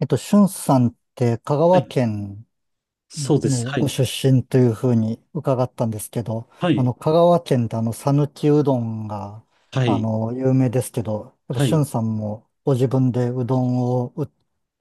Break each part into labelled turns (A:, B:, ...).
A: しゅんさんって香
B: は
A: 川
B: い。
A: 県
B: そうです。
A: の
B: は
A: ご
B: い。
A: 出身というふうに伺ったんですけど、
B: はい。
A: 香川県って讃岐うどんが、
B: はい。
A: 有名ですけど、やっぱ
B: は
A: しゅ
B: い。
A: んさんもご自分でうどんを売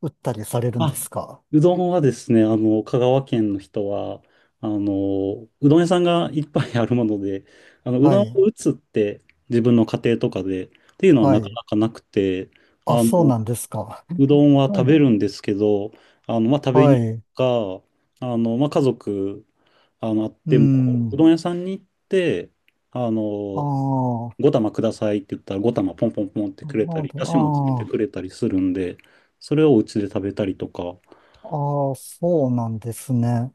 A: 打ったりされるんで
B: あ、
A: すか？
B: うどんはですね、香川県の人は、うどん屋さんがいっぱいあるもので、う
A: は
B: どん
A: い、
B: を打つって自分の家庭とかでっていうのは
A: は
B: なか
A: い。
B: なかなくて、
A: あ、
B: あ
A: そう
B: の、
A: なんですか。
B: うどんは
A: は
B: 食
A: い、
B: べるんですけど、まあ、食べ
A: は
B: に行
A: い。
B: くか、まあ、家族、あっ
A: う
B: ても、う
A: ん。
B: どん屋さんに行って、あ
A: あ
B: の、
A: あ、あ
B: 5玉くださいって言ったら5玉ポンポンポンってくれたり、だしもつけて
A: あ、
B: くれたりするんで、それをお家で食べたりとか。
A: ああ、そうなんですね。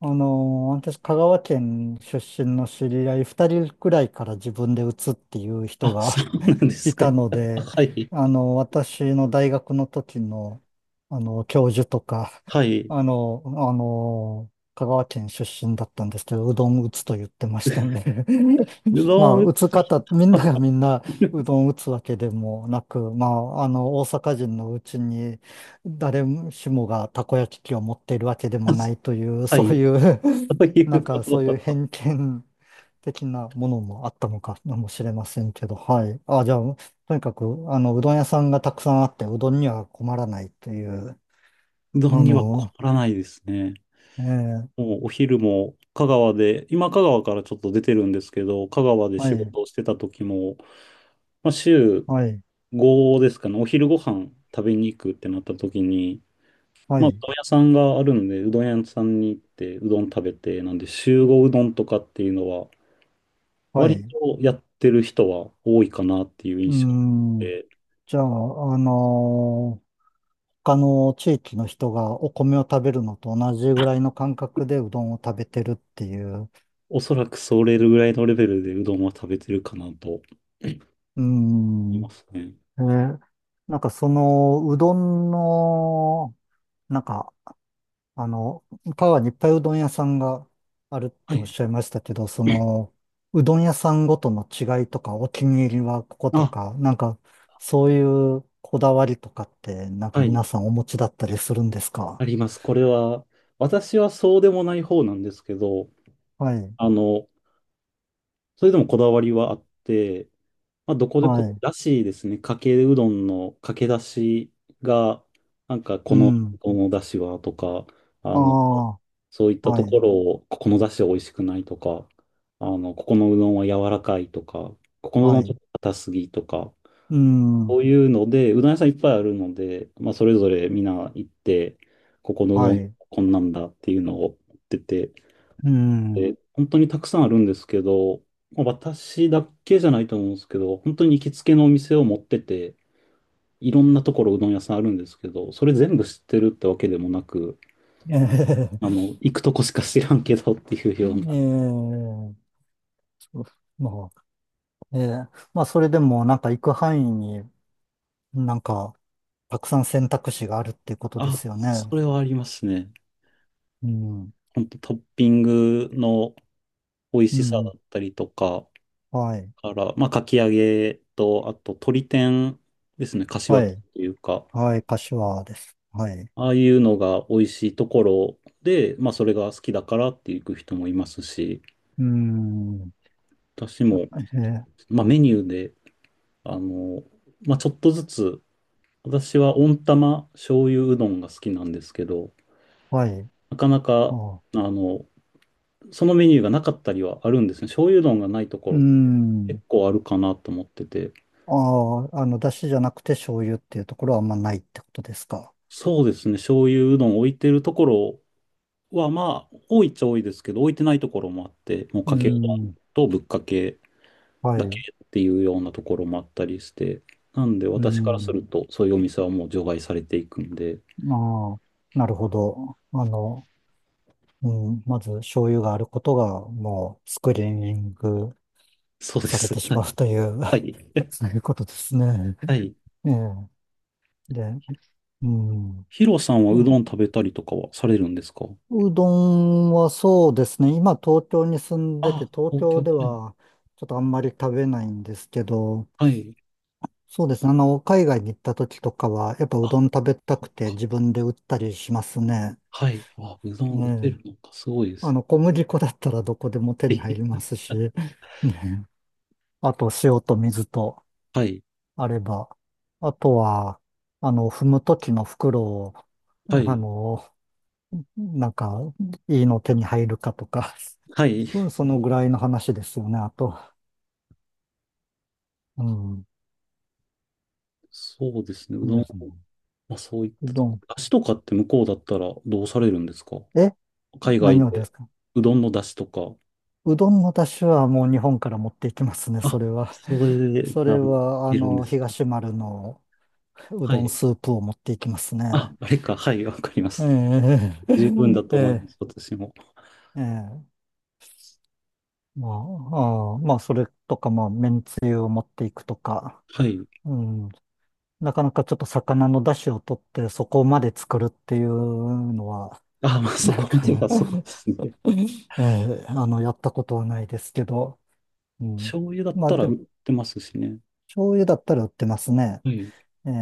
A: あの私、香川県出身の知り合い2人くらいから自分で移っていう人
B: あ、そ
A: が
B: うなんです
A: い
B: か。
A: たの で、
B: はい。
A: 私の大学の時の、教授とか、
B: はい。
A: 香川県出身だったんですけど、うどん打つと言ってましたんで、
B: う
A: ま
B: どん
A: あ、
B: 打
A: 打
B: つ
A: つ
B: 人
A: 方、みん
B: は
A: ながみんな
B: いる。
A: うどん打つわけでもなく、まあ、大阪人のうちに、誰しもがたこ焼き器を持っているわけでもないという、
B: は
A: そう
B: い。
A: いう、
B: そうい
A: なん
B: うこ
A: か
B: と
A: そう
B: だ
A: いう
B: と。
A: 偏見的なものもあったのかもしれませんけど、はい。あ、じゃあ、とにかく、うどん屋さんがたくさんあって、うどんには困らないという、
B: うどん
A: あ
B: には困
A: の、
B: らないですね。
A: ええ、
B: もうお昼も香川で、今香川からちょっと出てるんですけど、香川で
A: は
B: 仕
A: い、
B: 事をしてた時も、まあ、週
A: はい、
B: 5ですかね、お昼ご飯食べに行くってなった時に、
A: は
B: まあ、う
A: い、
B: どん屋さんがあるので、うどん屋さんに行って、うどん食べて、なんで、集合うどんとかっていうのは、
A: はい。
B: 割
A: う
B: とやってる人は多いかなっていう
A: ー
B: 印象
A: ん、
B: で、
A: じゃあ、他の地域の人がお米を食べるのと同じぐらいの感覚でうどんを食べてるっていう、
B: おそらくそれぐらいのレベルでうどんは食べてるかなと思
A: うー
B: いま
A: ん、
B: すね。
A: えーなんかその、うどんの、なんかあの、川にいっぱいうどん屋さんがあるっ
B: は
A: ておっ
B: い。
A: しゃいましたけど、その、うどん屋さんごとの違いとか、お気に入りはここと
B: あ、
A: か、なんか、そういうこだわりとかって、なんか
B: はい。
A: 皆さんお持ちだったりするんですか？
B: あります。これは、私はそうでもない方なんですけど、
A: はい、
B: あの、それでもこだわりはあって、まあ、どこで
A: は
B: こ、
A: い、
B: らしいですね。かけうどんのかけだしが、なんか
A: う
B: この、
A: ん、
B: このだしはとか、
A: あ
B: あの、
A: あ、
B: そういった
A: は
B: とこ
A: い、
B: ろを、ここのだしは美味しくないとか、ここのうどんは柔らかいとか、ここのう
A: は
B: どんちょっ
A: い、
B: と硬すぎとか、
A: う
B: そ
A: ん、
B: ういうので、うどん屋さんいっぱいあるので、まあ、それぞれみんな行って、ここのうど
A: は
B: ん
A: い、
B: こんなんだっていうのを言ってて、
A: うん、
B: 本当にたくさんあるんですけど、まあ私だけじゃないと思うんですけど、本当に行きつけのお店を持ってて、いろんなところうどん屋さんあるんですけど、それ全部知ってるってわけでもなく、
A: ええ、
B: 行くとこしか知らんけどっていうような。
A: ええ、そう、まあ、ええ、まあ、それでも、なんか行く範囲に、なんか、たくさん選択肢があるっていうことで
B: あ、
A: すよ
B: そ
A: ね。
B: れはありますね。
A: うん。
B: 本当トッピングの美味
A: う
B: しさだ
A: ん。
B: ったりとか、
A: はい。
B: から、まあ、かき揚げと、あと、鶏天ですね、柏
A: は
B: と
A: い。
B: いうか、
A: はい。柏です。はい。
B: ああいうのが美味しいところで、まあそれが好きだからって行く人もいますし、
A: うん。
B: 私
A: じゃ
B: も、
A: えー
B: まあメニューで、あの、まあちょっとずつ、私は温玉醤油うどんが好きなんですけど、
A: はい。
B: なかなか、
A: あ、
B: あの、そのメニューがなかったりはあるんですね。醤油うどんがないとこ
A: う
B: ろ
A: ん。
B: 結構あるかなと思ってて。
A: ああ、出汁じゃなくて醤油っていうところはあんまないってことですか？
B: そうですね、醤油うどん置いてるところは、まあ多いっちゃ多いですけど、置いてないところもあって、もう
A: う
B: かけうどん
A: ん。
B: とぶっかけ
A: は
B: だけ
A: い。
B: っていうようなところもあったりして、なんで
A: う
B: 私からす
A: ん。
B: ると、そういうお店はもう除外されていくんで、
A: ああ、なるほど。うん。まず醤油があることがもうスクリーニング
B: そうで
A: され
B: す。
A: てしまう という、
B: はい。は い。
A: そういうことですね。
B: はい。
A: ええ。で、うん。
B: ヒロさんは
A: いや、
B: うどん食べたりとかはされるんですか？
A: うどんはそうですね。今東京に住んでて、
B: あ、
A: 東
B: 東
A: 京で
B: 京。
A: はちょっとあんまり食べないんですけど、
B: はい。はい。
A: そうですね。海外に行った時とかは、やっぱうど
B: あ、
A: ん食べたくて
B: か
A: 自分で売ったりしますね。
B: はい。あ、うど
A: え
B: ん打て
A: え。
B: るのか、すごいです。
A: 小麦粉だったらどこでも手に入 り
B: え
A: ますし、ね。あと、塩と水と
B: はい。
A: あれば。あとは、踏む時の袋を、
B: は
A: あ
B: い。
A: の、なんか、いいの手に入るかとか、
B: は い。
A: そのぐらいの話ですよね、あと。うん。
B: そうですね。うど
A: で
B: ん、
A: すね。
B: まあ、そういっ
A: う
B: たと
A: ど
B: こ。
A: ん。
B: 出汁とかって向こうだったらどうされるんですか？
A: え、
B: 海外
A: 何をで
B: で。
A: すか？
B: うどんの出汁とか。
A: うどんの出汁はもう日本から持っていきますね、そ
B: あ、
A: れは。
B: それで、
A: それ
B: い
A: は、
B: けるんです。
A: 東丸のう
B: は
A: どん
B: い。
A: スープを持っていきます
B: あ、
A: ね。
B: あれか。はい、わかりま
A: え
B: す。十分だと思い
A: え、
B: ま
A: え
B: す、私も。
A: え、ええ。まあ、ああ、まあ、それとか、まあ、めんつゆを持っていくとか。
B: はい。
A: うん。なかなかちょっと魚の出汁を取ってそこまで作るっていうのは、
B: あ、まあ、そ
A: なん
B: こま
A: か
B: で
A: ね、
B: がそうですね。
A: えあの、やったことはないですけど、うん。
B: 醤油だっ
A: まあ
B: たら
A: でも、
B: 売ってますしね。
A: 醤油だったら売ってますね。
B: はい。
A: ええ、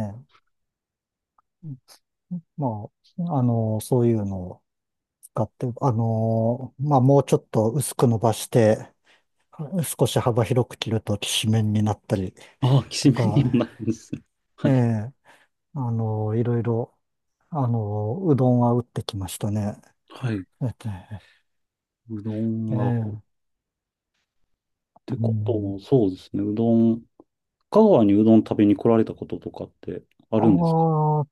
A: まあ、そういうのを使って、まあもうちょっと薄く伸ばして、少し幅広く切るときしめんになったり
B: あ、き
A: と
B: しめんに
A: か、
B: もなるんですね。は
A: え
B: い。
A: え、いろいろ、うどんは打ってきましたね。
B: はい。
A: えっと
B: うどん
A: え
B: は、っ
A: え、
B: て
A: う
B: こと
A: ん。
B: も、そうですね。うどん、香川にうどん食べに来られたこととかってあ
A: あ
B: るんですか？
A: あ、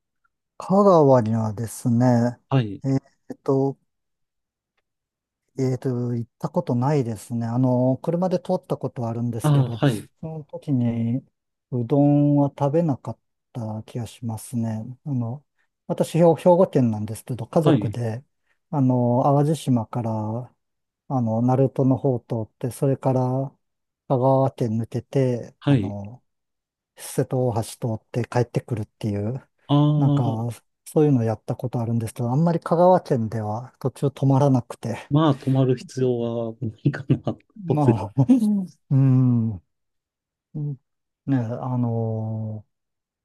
A: 香川にはですね、
B: はい。
A: えっと、えっと、行ったことないですね。車で通ったことはあるんですけ
B: あ、
A: ど、
B: はい。
A: その時にうどんは食べなかった気がしますね。私、兵庫県なんですけど、家
B: は
A: 族
B: い。
A: で、淡路島から、鳴門の方を通って、それから香川県抜けて、
B: はい。
A: 瀬戸大橋通って帰ってくるっていう、
B: あ
A: なん
B: あ、
A: か、そういうのやったことあるんですけど、あんまり香川県では途中止まらなくて、
B: まあ、泊まる必要はないかな。
A: まあ、うん、うん、ね、あの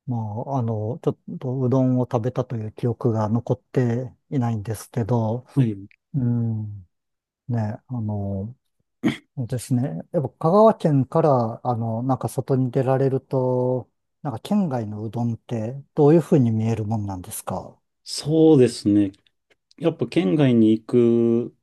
A: ーまちょっとうどんを食べたという記憶が残っていないんですけど、
B: はい。
A: うん、ね、あのそうですね、やっぱ香川県から、なんか外に出られると、なんか県外のうどんってどういうふうに見えるもんなんですか？
B: そうですね。やっぱ県外に行く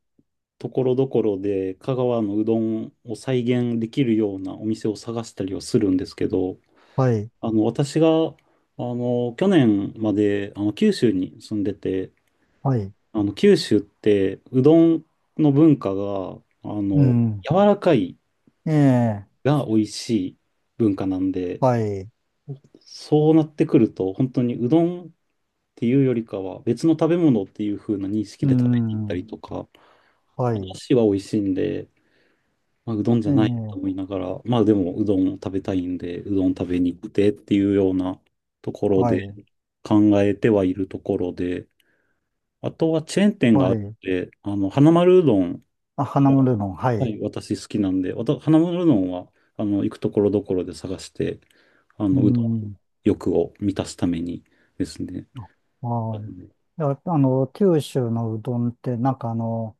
B: ところどころで香川のうどんを再現できるようなお店を探したりはするんですけど、
A: はい、
B: 私が、去年まで、九州に住んでて、
A: はい、
B: 九州ってうどんの文化が、あ
A: う
B: の、
A: ん。
B: 柔らかい
A: ええ、
B: が美味しい文化なんで、
A: はい、
B: そうなってくると、本当にうどんっていうよりかは別の食べ物っていう風な認識
A: う
B: で食べに行った
A: ん。
B: りとか、
A: は
B: お
A: い、
B: 出汁は美味しいんで、まあ、うどんじ
A: え
B: ゃ
A: え、
B: ないと思いながら、まあでもうどんを食べたいんで、うどん食べに行ってっていうようなところ
A: は
B: で
A: い、
B: 考えてはいるところで、あとはチェーン店があ
A: は
B: るん
A: い、
B: で、花丸うどん
A: あ、花
B: は、
A: 丸うどん、は
B: は
A: い。
B: い、私好きなんで、花丸うどんは、行くところどころで探して、
A: う
B: うどん
A: ん。
B: 欲を満たすためにですね。
A: はい。いや、九州のうどんって、なんかあの、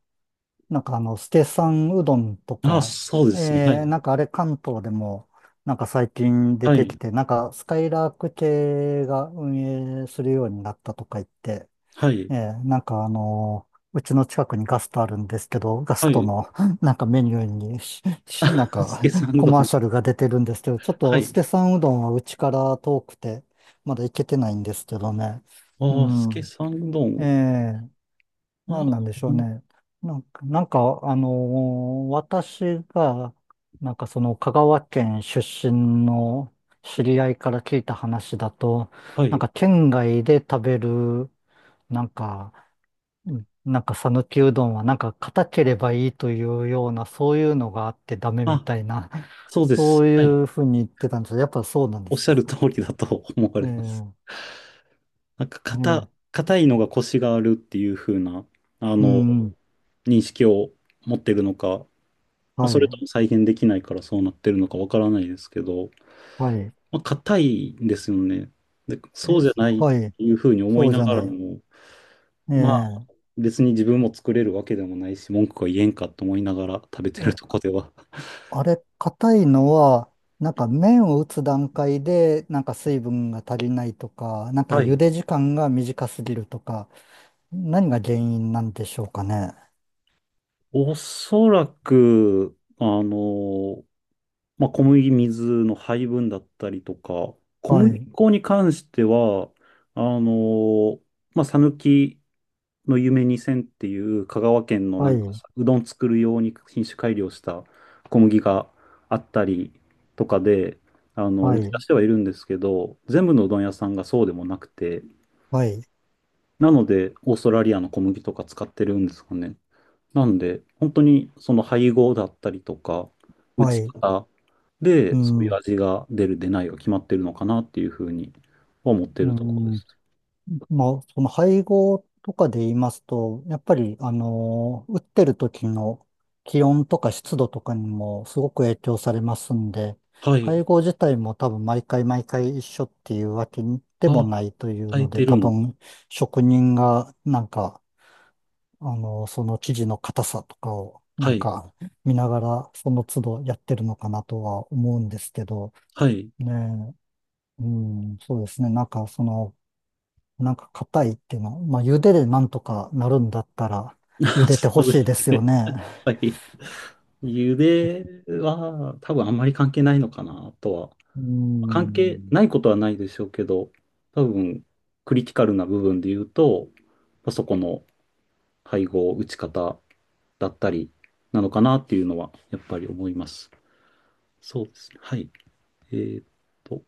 A: なんかあの、ステさんうどんと
B: ああ、
A: か、
B: そうですね。は
A: え
B: い。
A: なんかあれ関東でも、なんか最近出
B: は
A: て
B: い。
A: きて、なんかスカイラーク系が運営するようになったとか言って、
B: はい。
A: ええ、うちの近くにガストあるんですけど、ガス
B: は
A: ト
B: い。
A: の なんかメニューにし、し な
B: あ、
A: ん
B: ス
A: か
B: ケさんう
A: コ
B: どん。
A: マーシャルが出てるんですけど、ちょっ
B: は
A: とス
B: い。
A: ケさんうどんはうちから遠くて、まだ行けてないんですけどね。う
B: ああ、スケ
A: ん。
B: さんうど
A: え
B: ん。
A: え、なんなん
B: あ、
A: でしょうね。なんか、なんかあの私が、なんかその香川県出身の知り合いから聞いた話だと、
B: は
A: なん
B: い。
A: か県外で食べる、なんか、うん、なんか讃岐うどんはなんか硬ければいいというような、そういうのがあってダメみ
B: あ、
A: たいな、
B: そうで
A: そ
B: す。
A: う
B: はい。
A: いうふうに言ってたんですけど、やっぱそうなんで
B: おっ
A: す
B: しゃ
A: か？
B: る通りだと 思われます。
A: ええ、
B: なんか、硬、
A: ええ、
B: 硬いのが腰があるっていう風な、あ
A: う
B: の、
A: ん、
B: 認識を持ってるのか、まあ、
A: は
B: それとも
A: い、
B: 再現できないからそうなってるのかわからないですけど、
A: はい。
B: まあ、硬いんですよね。で、そう
A: え、
B: じゃないっ
A: はい、
B: ていう風に思
A: そ
B: い
A: うじ
B: な
A: ゃ
B: がら
A: ない。
B: も、まあ、
A: え、え
B: 別に自分も作れるわけでもないし、文句は言えんかと思いながら 食べてると
A: え、
B: こでは。
A: あれ、硬いのは、なんか麺を打つ段階で、なんか水分が足りないとか、なんか
B: は
A: 茹
B: い。
A: で時間が短すぎるとか、何が原因なんでしょうかね。
B: おそらく、まあ、小麦、水の配分だったりとか、小
A: は
B: 麦
A: い、
B: 粉に関しては、あのーまあ、讃岐の夢2000っていう香川県の
A: は
B: なんか
A: い、
B: うどん作る用に品種改良した小麦があったりとかで、
A: は
B: 打ち出
A: い、
B: してはいるんですけど、全部のうどん屋さんがそうでもなくて、
A: はい。
B: なので、オーストラリアの小麦とか使ってるんですかね。なんで、本当にその配合だったりとか、打
A: は
B: ち
A: い。
B: 方
A: う
B: で、そういう
A: ん。
B: 味が出る、出ないが決まってるのかなっていうふうには思って
A: う
B: るところで
A: ん。
B: す。
A: まあ、その配合とかで言いますと、やっぱり、打ってる時の気温とか湿度とかにもすごく影響されますんで、
B: はい。
A: 配合自体も多分毎回一緒っていうわけでも
B: あ、
A: ないという
B: 変え
A: ので、
B: てる
A: 多
B: ん。
A: 分職人がなんか、その生地の硬さとかをな
B: は
A: ん
B: い。
A: か見ながらその都度やってるのかなとは思うんですけど、
B: はい。
A: ねえ。うん、そうですね。なんか、その、なんか硬いっていうの、まあ、茹ででなんとかなるんだったら、茹でて ほ
B: そう
A: し
B: で
A: い
B: す
A: ですよ
B: ね。
A: ね。
B: はい。茹では多分あんまり関係ないのかなとは。
A: う
B: 関係
A: ん。
B: ないことはないでしょうけど、多分クリティカルな部分で言うと、まあそこの配合、打ち方だったりなのかなっていうのはやっぱり思います。そうですね。はい。えーっと。